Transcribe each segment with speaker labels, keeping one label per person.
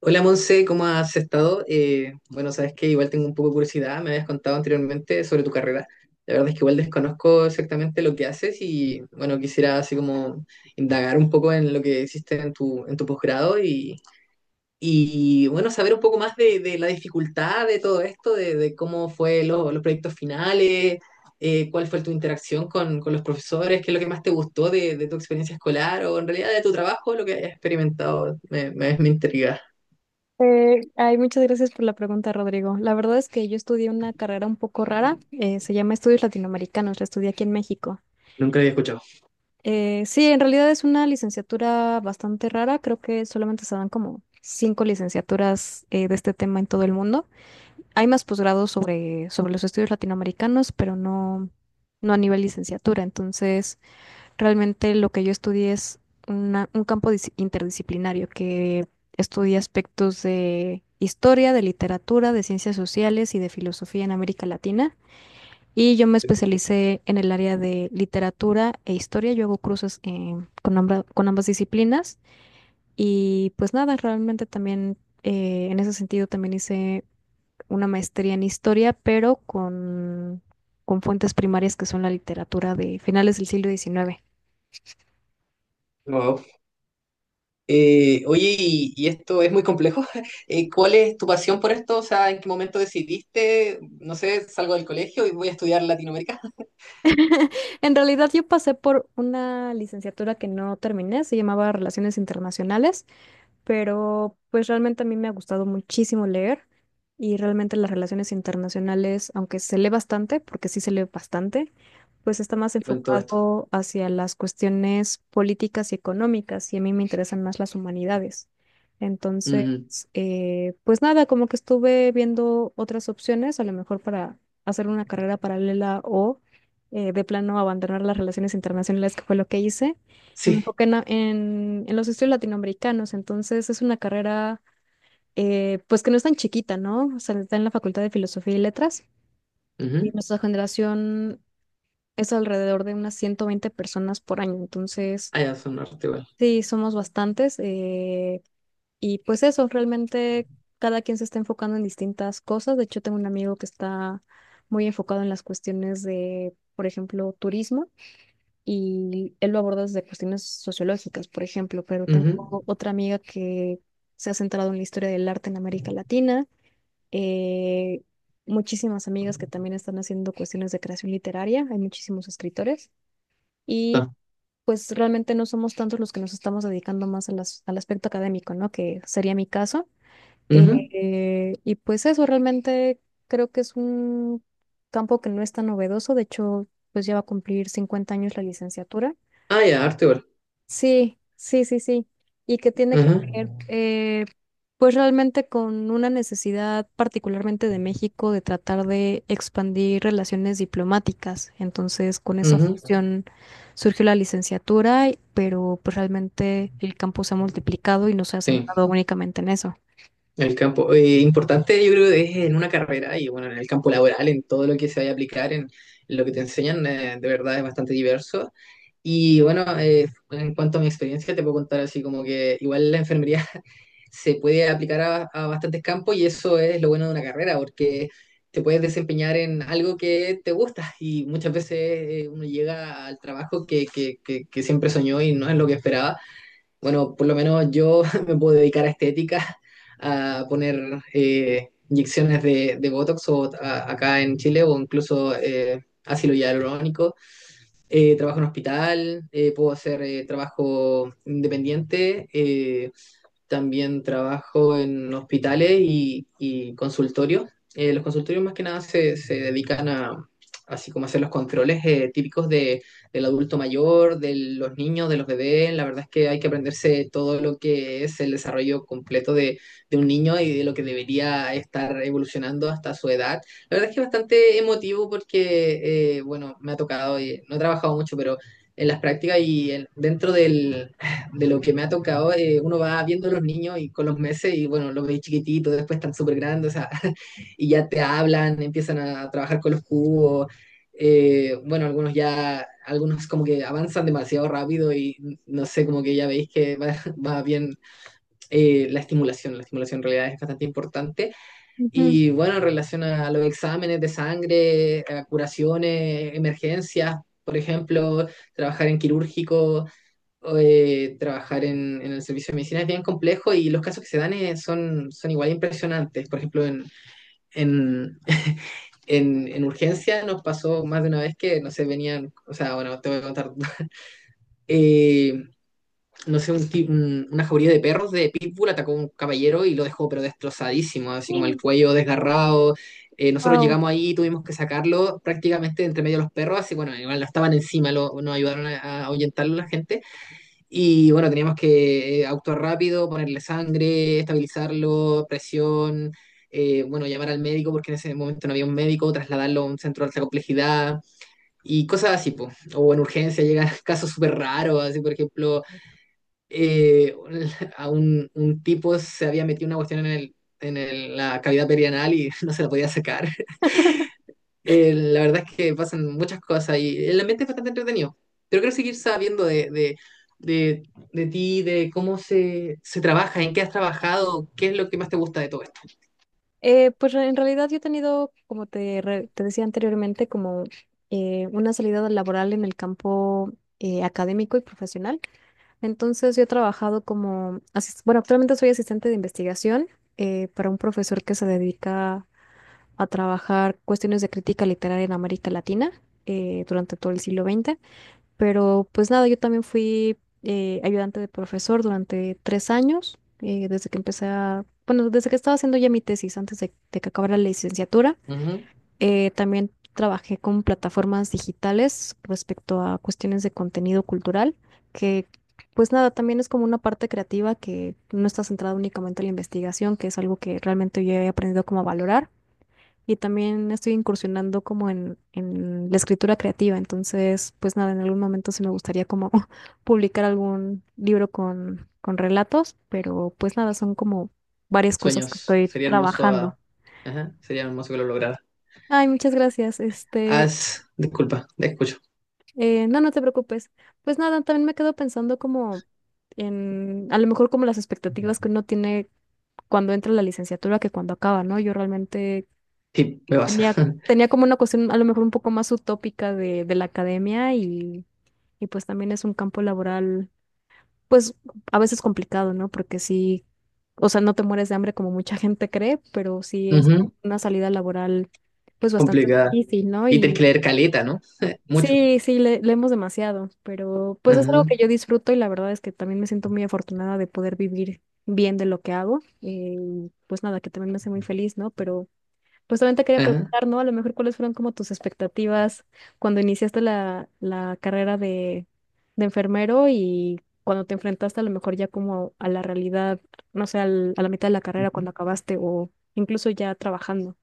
Speaker 1: Hola Monse, ¿cómo has estado? Bueno, sabes que igual tengo un poco de curiosidad, me habías contado anteriormente sobre tu carrera. La verdad es que igual desconozco exactamente lo que haces y bueno, quisiera así como indagar un poco en lo que hiciste en tu posgrado y bueno, saber un poco más de la dificultad de todo esto, de cómo fue los proyectos finales, cuál fue tu interacción con los profesores, qué es lo que más te gustó de tu experiencia escolar o en realidad de tu trabajo, lo que hayas experimentado, me intriga.
Speaker 2: Ay, muchas gracias por la pregunta, Rodrigo. La verdad es que yo estudié una carrera un poco rara, se llama Estudios Latinoamericanos, la estudié aquí en México.
Speaker 1: Nunca lo había escuchado.
Speaker 2: Sí, en realidad es una licenciatura bastante rara, creo que solamente se dan como cinco licenciaturas de este tema en todo el mundo. Hay más posgrados sobre los estudios latinoamericanos, pero no, no a nivel licenciatura, entonces. Realmente lo que yo estudié es un campo interdisciplinario que estudia aspectos de historia, de literatura, de ciencias sociales y de filosofía en América Latina. Y yo me especialicé en el área de literatura e historia. Yo hago cruces con ambas disciplinas. Y pues nada, realmente también en ese sentido también hice una maestría en historia, pero con fuentes primarias que son la literatura de finales del siglo XIX.
Speaker 1: Wow. Oye, esto es muy complejo. ¿Cuál es tu pasión por esto? O sea, ¿en qué momento decidiste, no sé, salgo del colegio y voy a estudiar Latinoamérica?
Speaker 2: En realidad yo pasé por una licenciatura que no terminé, se llamaba Relaciones Internacionales, pero pues realmente a mí me ha gustado muchísimo leer, y realmente las relaciones internacionales, aunque se lee bastante, porque sí se lee bastante, pues está más
Speaker 1: Con todo esto.
Speaker 2: enfocado hacia las cuestiones políticas y económicas, y a mí me interesan más las humanidades. Entonces,
Speaker 1: Ujú.
Speaker 2: pues nada, como que estuve viendo otras opciones, a lo mejor para hacer una carrera paralela o de plano abandonar las relaciones internacionales, que fue lo que hice. Me
Speaker 1: Sí.
Speaker 2: enfoqué en los estudios latinoamericanos, entonces es una carrera pues que no es tan chiquita, ¿no? O sea, está en la Facultad de Filosofía y Letras, y
Speaker 1: Ujú.
Speaker 2: nuestra generación es alrededor de unas 120 personas por año, entonces
Speaker 1: Ah, ya, son arte igual.
Speaker 2: sí, somos bastantes. Y pues eso, realmente cada quien se está enfocando en distintas cosas. De hecho, tengo un amigo que está muy enfocado en las cuestiones de, por ejemplo, turismo, y él lo aborda desde cuestiones sociológicas, por ejemplo. Pero
Speaker 1: Ujú.
Speaker 2: tengo otra amiga que se ha centrado en la historia del arte en América Latina, eh, muchísimas amigas que también están haciendo cuestiones de creación literaria, hay muchísimos escritores. Y
Speaker 1: Ah,
Speaker 2: pues realmente no somos tantos los que nos estamos dedicando más a al aspecto académico, ¿no? Que sería mi caso.
Speaker 1: ujú.
Speaker 2: Y pues eso, realmente creo que es un campo que no es tan novedoso. De hecho, pues ya va a cumplir 50 años la licenciatura.
Speaker 1: Ah, ya, arte igual.
Speaker 2: Sí, sí, sí, sí. Y que tiene que
Speaker 1: Ujú.
Speaker 2: ver, pues realmente con una necesidad particularmente de México de tratar de expandir relaciones diplomáticas. Entonces, con esa
Speaker 1: Ujú.
Speaker 2: función surgió la licenciatura, pero pues realmente el campo se ha multiplicado y no se ha
Speaker 1: Sí.
Speaker 2: centrado únicamente en eso.
Speaker 1: En el campo, importante yo creo que es en una carrera y bueno, en el campo laboral, en todo lo que se vaya a aplicar, en lo que te enseñan, de verdad es bastante diverso. Y bueno, en cuanto a mi experiencia, te puedo contar así como que igual la enfermería se puede aplicar a bastantes campos y eso es lo bueno de una carrera, porque te puedes desempeñar en algo que te gusta y muchas veces uno llega al trabajo que siempre soñó y no es lo que esperaba. Bueno, por lo menos yo me puedo dedicar a estética, a poner inyecciones de Botox o acá en Chile o incluso ácido hialurónico. Trabajo en hospital, puedo hacer trabajo independiente. También trabajo en hospitales y consultorios. Los consultorios más que nada se dedican a, así como hacer los controles típicos de, del adulto mayor, de los niños, de los bebés. La verdad es que hay que aprenderse todo lo que es el desarrollo completo de un niño y de lo que debería estar evolucionando hasta su edad. La verdad es que es bastante emotivo porque, bueno, me ha tocado, y no he trabajado mucho, pero en las prácticas y dentro del, de lo que me ha tocado, uno va viendo a los niños y con los meses y bueno, los veis chiquititos, después están súper grandes, o sea, y ya te hablan, empiezan a trabajar con los cubos, bueno, algunos ya, algunos como que avanzan demasiado rápido y no sé, como que ya veis que va, va bien la estimulación en realidad es bastante importante.
Speaker 2: Ujú.
Speaker 1: Y bueno, en relación a los exámenes de sangre, a curaciones, emergencias, por ejemplo, trabajar en quirúrgico trabajar en el servicio de medicina es bien complejo y los casos que se dan son, son igual impresionantes. Por ejemplo, en, en urgencia nos pasó más de una vez que, no sé, venían, o sea, bueno, te voy a contar, eh, no sé, una jauría de perros de Pitbull atacó a un caballero y lo dejó pero destrozadísimo, así como el cuello desgarrado. Nosotros llegamos ahí y tuvimos que sacarlo prácticamente de entre medio de los perros, así bueno, igual no estaban encima, nos ayudaron a ahuyentarlo la gente y bueno, teníamos que actuar rápido, ponerle sangre, estabilizarlo, presión, bueno, llamar al médico porque en ese momento no había un médico, trasladarlo a un centro de alta complejidad y cosas así, po. O en urgencia llegan casos súper raros, así por ejemplo, eh, a un tipo se había metido una cuestión en el, la cavidad perianal y no se la podía sacar. La verdad es que pasan muchas cosas y el ambiente es bastante entretenido. Pero quiero seguir sabiendo de, de ti, de cómo se trabaja, en qué has trabajado, qué es lo que más te gusta de todo esto.
Speaker 2: En realidad yo he tenido, como te decía anteriormente, como una salida laboral en el campo académico y profesional. Entonces yo he trabajado como, bueno, actualmente soy asistente de investigación para un profesor que se dedica a trabajar cuestiones de crítica literaria en América Latina durante todo el siglo XX. Pero pues nada, yo también fui ayudante de profesor durante 3 años, desde que empecé a, bueno, desde que estaba haciendo ya mi tesis, antes de que acabara la licenciatura.
Speaker 1: Ujú.
Speaker 2: También trabajé con plataformas digitales respecto a cuestiones de contenido cultural, que pues nada, también es como una parte creativa que no está centrada únicamente en la investigación, que es algo que realmente yo he aprendido como a valorar. Y también estoy incursionando como en la escritura creativa. Entonces, pues nada, en algún momento sí me gustaría como publicar algún libro con relatos, pero pues nada, son como varias cosas que
Speaker 1: Sueños.
Speaker 2: estoy
Speaker 1: Sería hermoso,
Speaker 2: trabajando.
Speaker 1: ah, ajá, sería hermoso que lo lograra.
Speaker 2: Ay, muchas gracias. Este,
Speaker 1: Haz, disculpa, te escucho.
Speaker 2: No, no te preocupes. Pues nada, también me quedo pensando como en, a lo mejor como las expectativas que uno tiene cuando entra a la licenciatura, que cuando acaba, ¿no? Yo realmente
Speaker 1: Sí, me pasa.
Speaker 2: tenía, tenía como una cuestión a lo mejor un poco más utópica de la academia, y pues también es un campo laboral, pues a veces complicado, ¿no? Porque sí, o sea, no te mueres de hambre como mucha gente cree, pero sí es
Speaker 1: Ujú.
Speaker 2: una salida laboral pues bastante
Speaker 1: Complicada.
Speaker 2: difícil, ¿no?
Speaker 1: Y tenés que
Speaker 2: Y
Speaker 1: leer caleta, ¿no? Mucho.
Speaker 2: sí, sí, leemos demasiado, pero pues es algo
Speaker 1: Ajá,
Speaker 2: que yo disfruto, y la verdad es que también me siento muy afortunada de poder vivir bien de lo que hago. Y pues nada, que también me hace muy feliz, ¿no? Pero pues también te quería
Speaker 1: ajá.
Speaker 2: preguntar, ¿no? A lo mejor cuáles fueron como tus expectativas cuando iniciaste la carrera de enfermero, y cuando te enfrentaste a lo mejor ya como a la realidad, no sé, a la mitad de la carrera, cuando acabaste o incluso ya trabajando.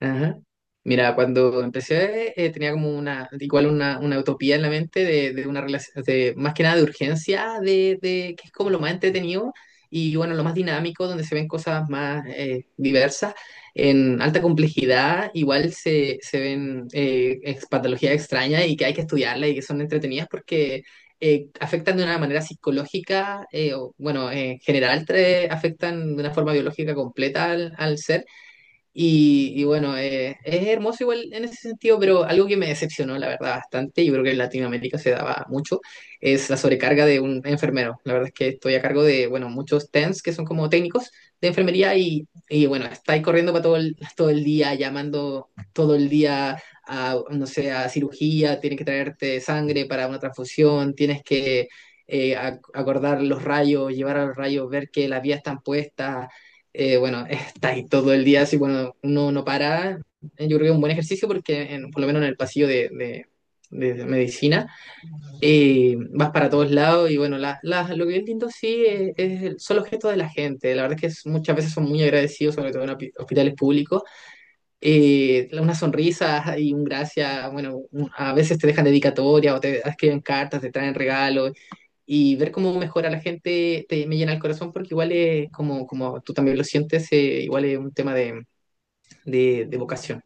Speaker 1: Ajá. Mira, cuando empecé tenía como una, igual una utopía en la mente de una relación, de, más que nada de urgencia, de que es como lo más entretenido y bueno, lo más dinámico, donde se ven cosas más diversas, en alta complejidad, igual se ven patologías extrañas y que hay que estudiarlas y que son entretenidas porque afectan de una manera psicológica, o, bueno, en general afectan de una forma biológica completa al, al ser y bueno, es hermoso igual en ese sentido, pero algo que me decepcionó, la verdad, bastante, yo creo que en Latinoamérica se daba mucho, es la sobrecarga de un enfermero. La verdad es que estoy a cargo de, bueno, muchos TENS que son como técnicos de enfermería y bueno, estáis corriendo para todo el día, llamando todo el día a, no sé, a cirugía, tienes que traerte sangre para una transfusión, tienes que acordar los rayos, llevar a los rayos, ver que las vías están puestas, bueno, está ahí todo el día, así, bueno, uno no para. Yo creo que es un buen ejercicio porque, por lo menos en el pasillo de, de medicina, vas para todos lados y, bueno, lo que es lindo sí es, son los gestos de la gente. La verdad es que muchas veces son muy agradecidos, sobre todo en hospitales públicos. Una sonrisa y un gracias, bueno, a veces te dejan dedicatoria o te escriben cartas, te traen regalos y ver cómo mejora la gente me llena el corazón porque igual es, como, como tú también lo sientes, igual es un tema de vocación.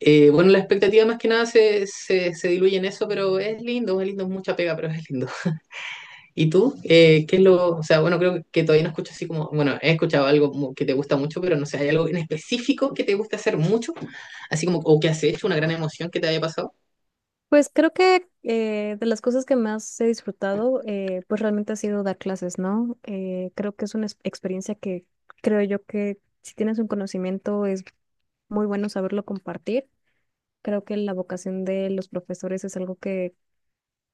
Speaker 1: Bueno, la expectativa más que nada se diluye en eso, pero es lindo, es lindo, es mucha pega, pero es lindo. ¿Y tú? ¿Qué es lo, o sea, bueno, creo que todavía no escucho así como, bueno, he escuchado algo como que te gusta mucho, pero no sé, ¿hay algo en específico que te gusta hacer mucho? Así como, o que has hecho una gran emoción que te haya pasado.
Speaker 2: Pues creo que de las cosas que más he disfrutado, pues realmente ha sido dar clases, ¿no? Creo que es una experiencia que creo yo que si tienes un conocimiento es muy bueno saberlo compartir. Creo que la vocación de los profesores es algo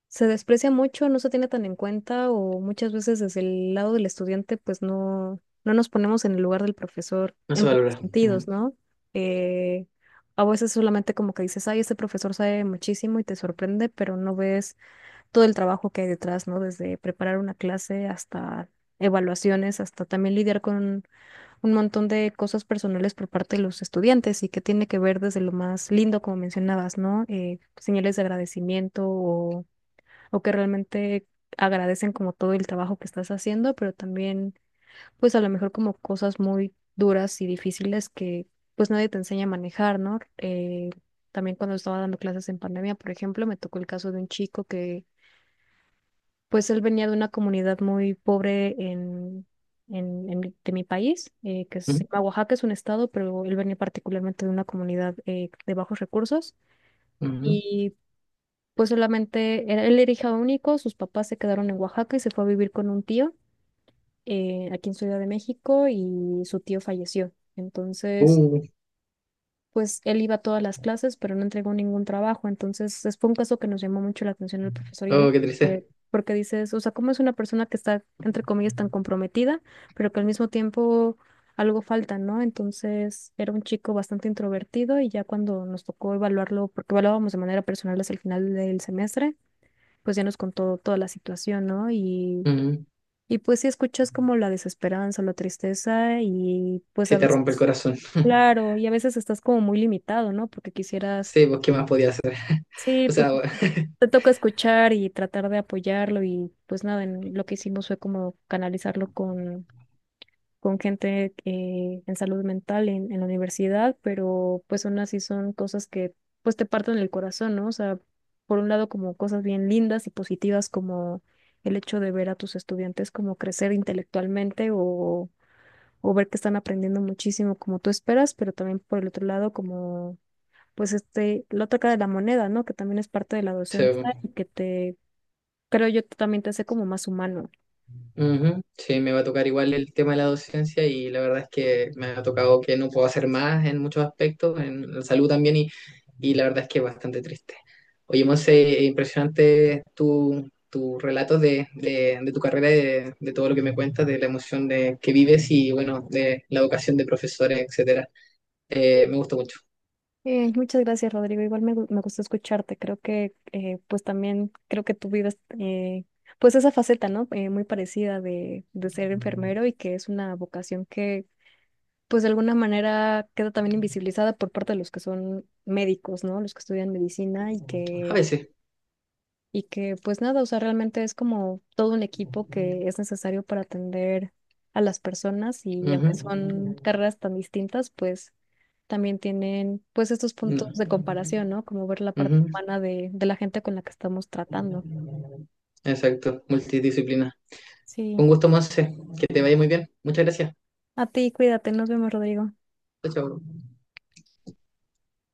Speaker 2: se desprecia mucho, no se tiene tan en cuenta, o muchas veces desde el lado del estudiante pues no, no nos ponemos en el lugar del profesor
Speaker 1: No
Speaker 2: en
Speaker 1: se
Speaker 2: muchos
Speaker 1: valora. Mm,
Speaker 2: sentidos, ¿no? Eh, a veces solamente como que dices, ay, este profesor sabe muchísimo y te sorprende, pero no ves todo el trabajo que hay detrás, ¿no? Desde preparar una clase hasta evaluaciones, hasta también lidiar con un montón de cosas personales por parte de los estudiantes, y que tiene que ver desde lo más lindo, como mencionabas, ¿no? Señales de agradecimiento, o que realmente agradecen como todo el trabajo que estás haciendo, pero también pues a lo mejor como cosas muy duras y difíciles que pues nadie te enseña a manejar, ¿no? También cuando estaba dando clases en pandemia, por ejemplo, me tocó el caso de un chico que pues él venía de una comunidad muy pobre en. En de mi país, que se
Speaker 1: mm,
Speaker 2: llama Oaxaca, es un estado, pero él venía particularmente de una comunidad de bajos recursos.
Speaker 1: mm.
Speaker 2: Y pues solamente él era hija único, sus papás se quedaron en Oaxaca y se fue a vivir con un tío aquí en Ciudad de México, y su tío falleció. Entonces,
Speaker 1: Uh,
Speaker 2: pues él iba a todas las clases, pero no entregó ningún trabajo. Entonces, fue un caso que nos llamó mucho la atención al profesor y a mí,
Speaker 1: oh, qué triste.
Speaker 2: porque dices, o sea, ¿cómo es una persona que está, entre comillas, tan comprometida, pero que al mismo tiempo? Algo falta, ¿no? Entonces era un chico bastante introvertido, y ya cuando nos tocó evaluarlo, porque evaluábamos de manera personal hasta el final del semestre, pues ya nos contó toda la situación, ¿no?
Speaker 1: Mm,
Speaker 2: Y pues sí escuchas como la desesperanza, la tristeza, y pues
Speaker 1: se
Speaker 2: a
Speaker 1: te rompe el
Speaker 2: veces,
Speaker 1: corazón.
Speaker 2: claro, y a veces estás como muy limitado, ¿no? Porque quisieras,
Speaker 1: Sí, pues, ¿qué más podía hacer?
Speaker 2: sí,
Speaker 1: O
Speaker 2: pues
Speaker 1: sea, bueno,
Speaker 2: te toca escuchar y tratar de apoyarlo, y pues nada, lo que hicimos fue como canalizarlo con gente en salud mental en la universidad, pero pues aún así son cosas que pues te parten el corazón, ¿no? O sea, por un lado como cosas bien lindas y positivas, como el hecho de ver a tus estudiantes como crecer intelectualmente, o ver que están aprendiendo muchísimo como tú esperas, pero también por el otro lado, como pues este, la otra cara de la moneda, ¿no? Que también es parte de la
Speaker 1: sí,
Speaker 2: docencia,
Speaker 1: pues.
Speaker 2: y que te, creo yo, también te hace como más humano.
Speaker 1: Ujú. Sí, me va a tocar igual el tema de la docencia y la verdad es que me ha tocado que no puedo hacer más en muchos aspectos, en la salud también, y la verdad es que es bastante triste. Oye, Monse, impresionante tu, tu relato de tu carrera, y de todo lo que me cuentas, de la emoción de, que vives y, bueno, de la vocación de profesores, etcétera. Me gustó mucho.
Speaker 2: Muchas gracias, Rodrigo. Igual me, me gustó escucharte. Creo que, pues también, creo que tú vives, pues esa faceta, ¿no? Muy parecida de ser enfermero, y que es una vocación que, pues de alguna manera queda también invisibilizada por parte de los que son médicos, ¿no? Los que estudian medicina,
Speaker 1: A veces.
Speaker 2: y que pues nada, o sea, realmente es como todo un equipo que es necesario para atender a las personas, y
Speaker 1: Ujú.
Speaker 2: aunque son carreras tan distintas, pues también tienen pues estos
Speaker 1: No.
Speaker 2: puntos de comparación, ¿no? Como ver la
Speaker 1: Ujú.
Speaker 2: parte humana de la gente con la que estamos tratando.
Speaker 1: Exacto, multidisciplina.
Speaker 2: Sí,
Speaker 1: Un gusto, Monse. Que te vaya muy bien. Muchas gracias.
Speaker 2: a ti, cuídate, nos vemos, Rodrigo.
Speaker 1: Chao, chao.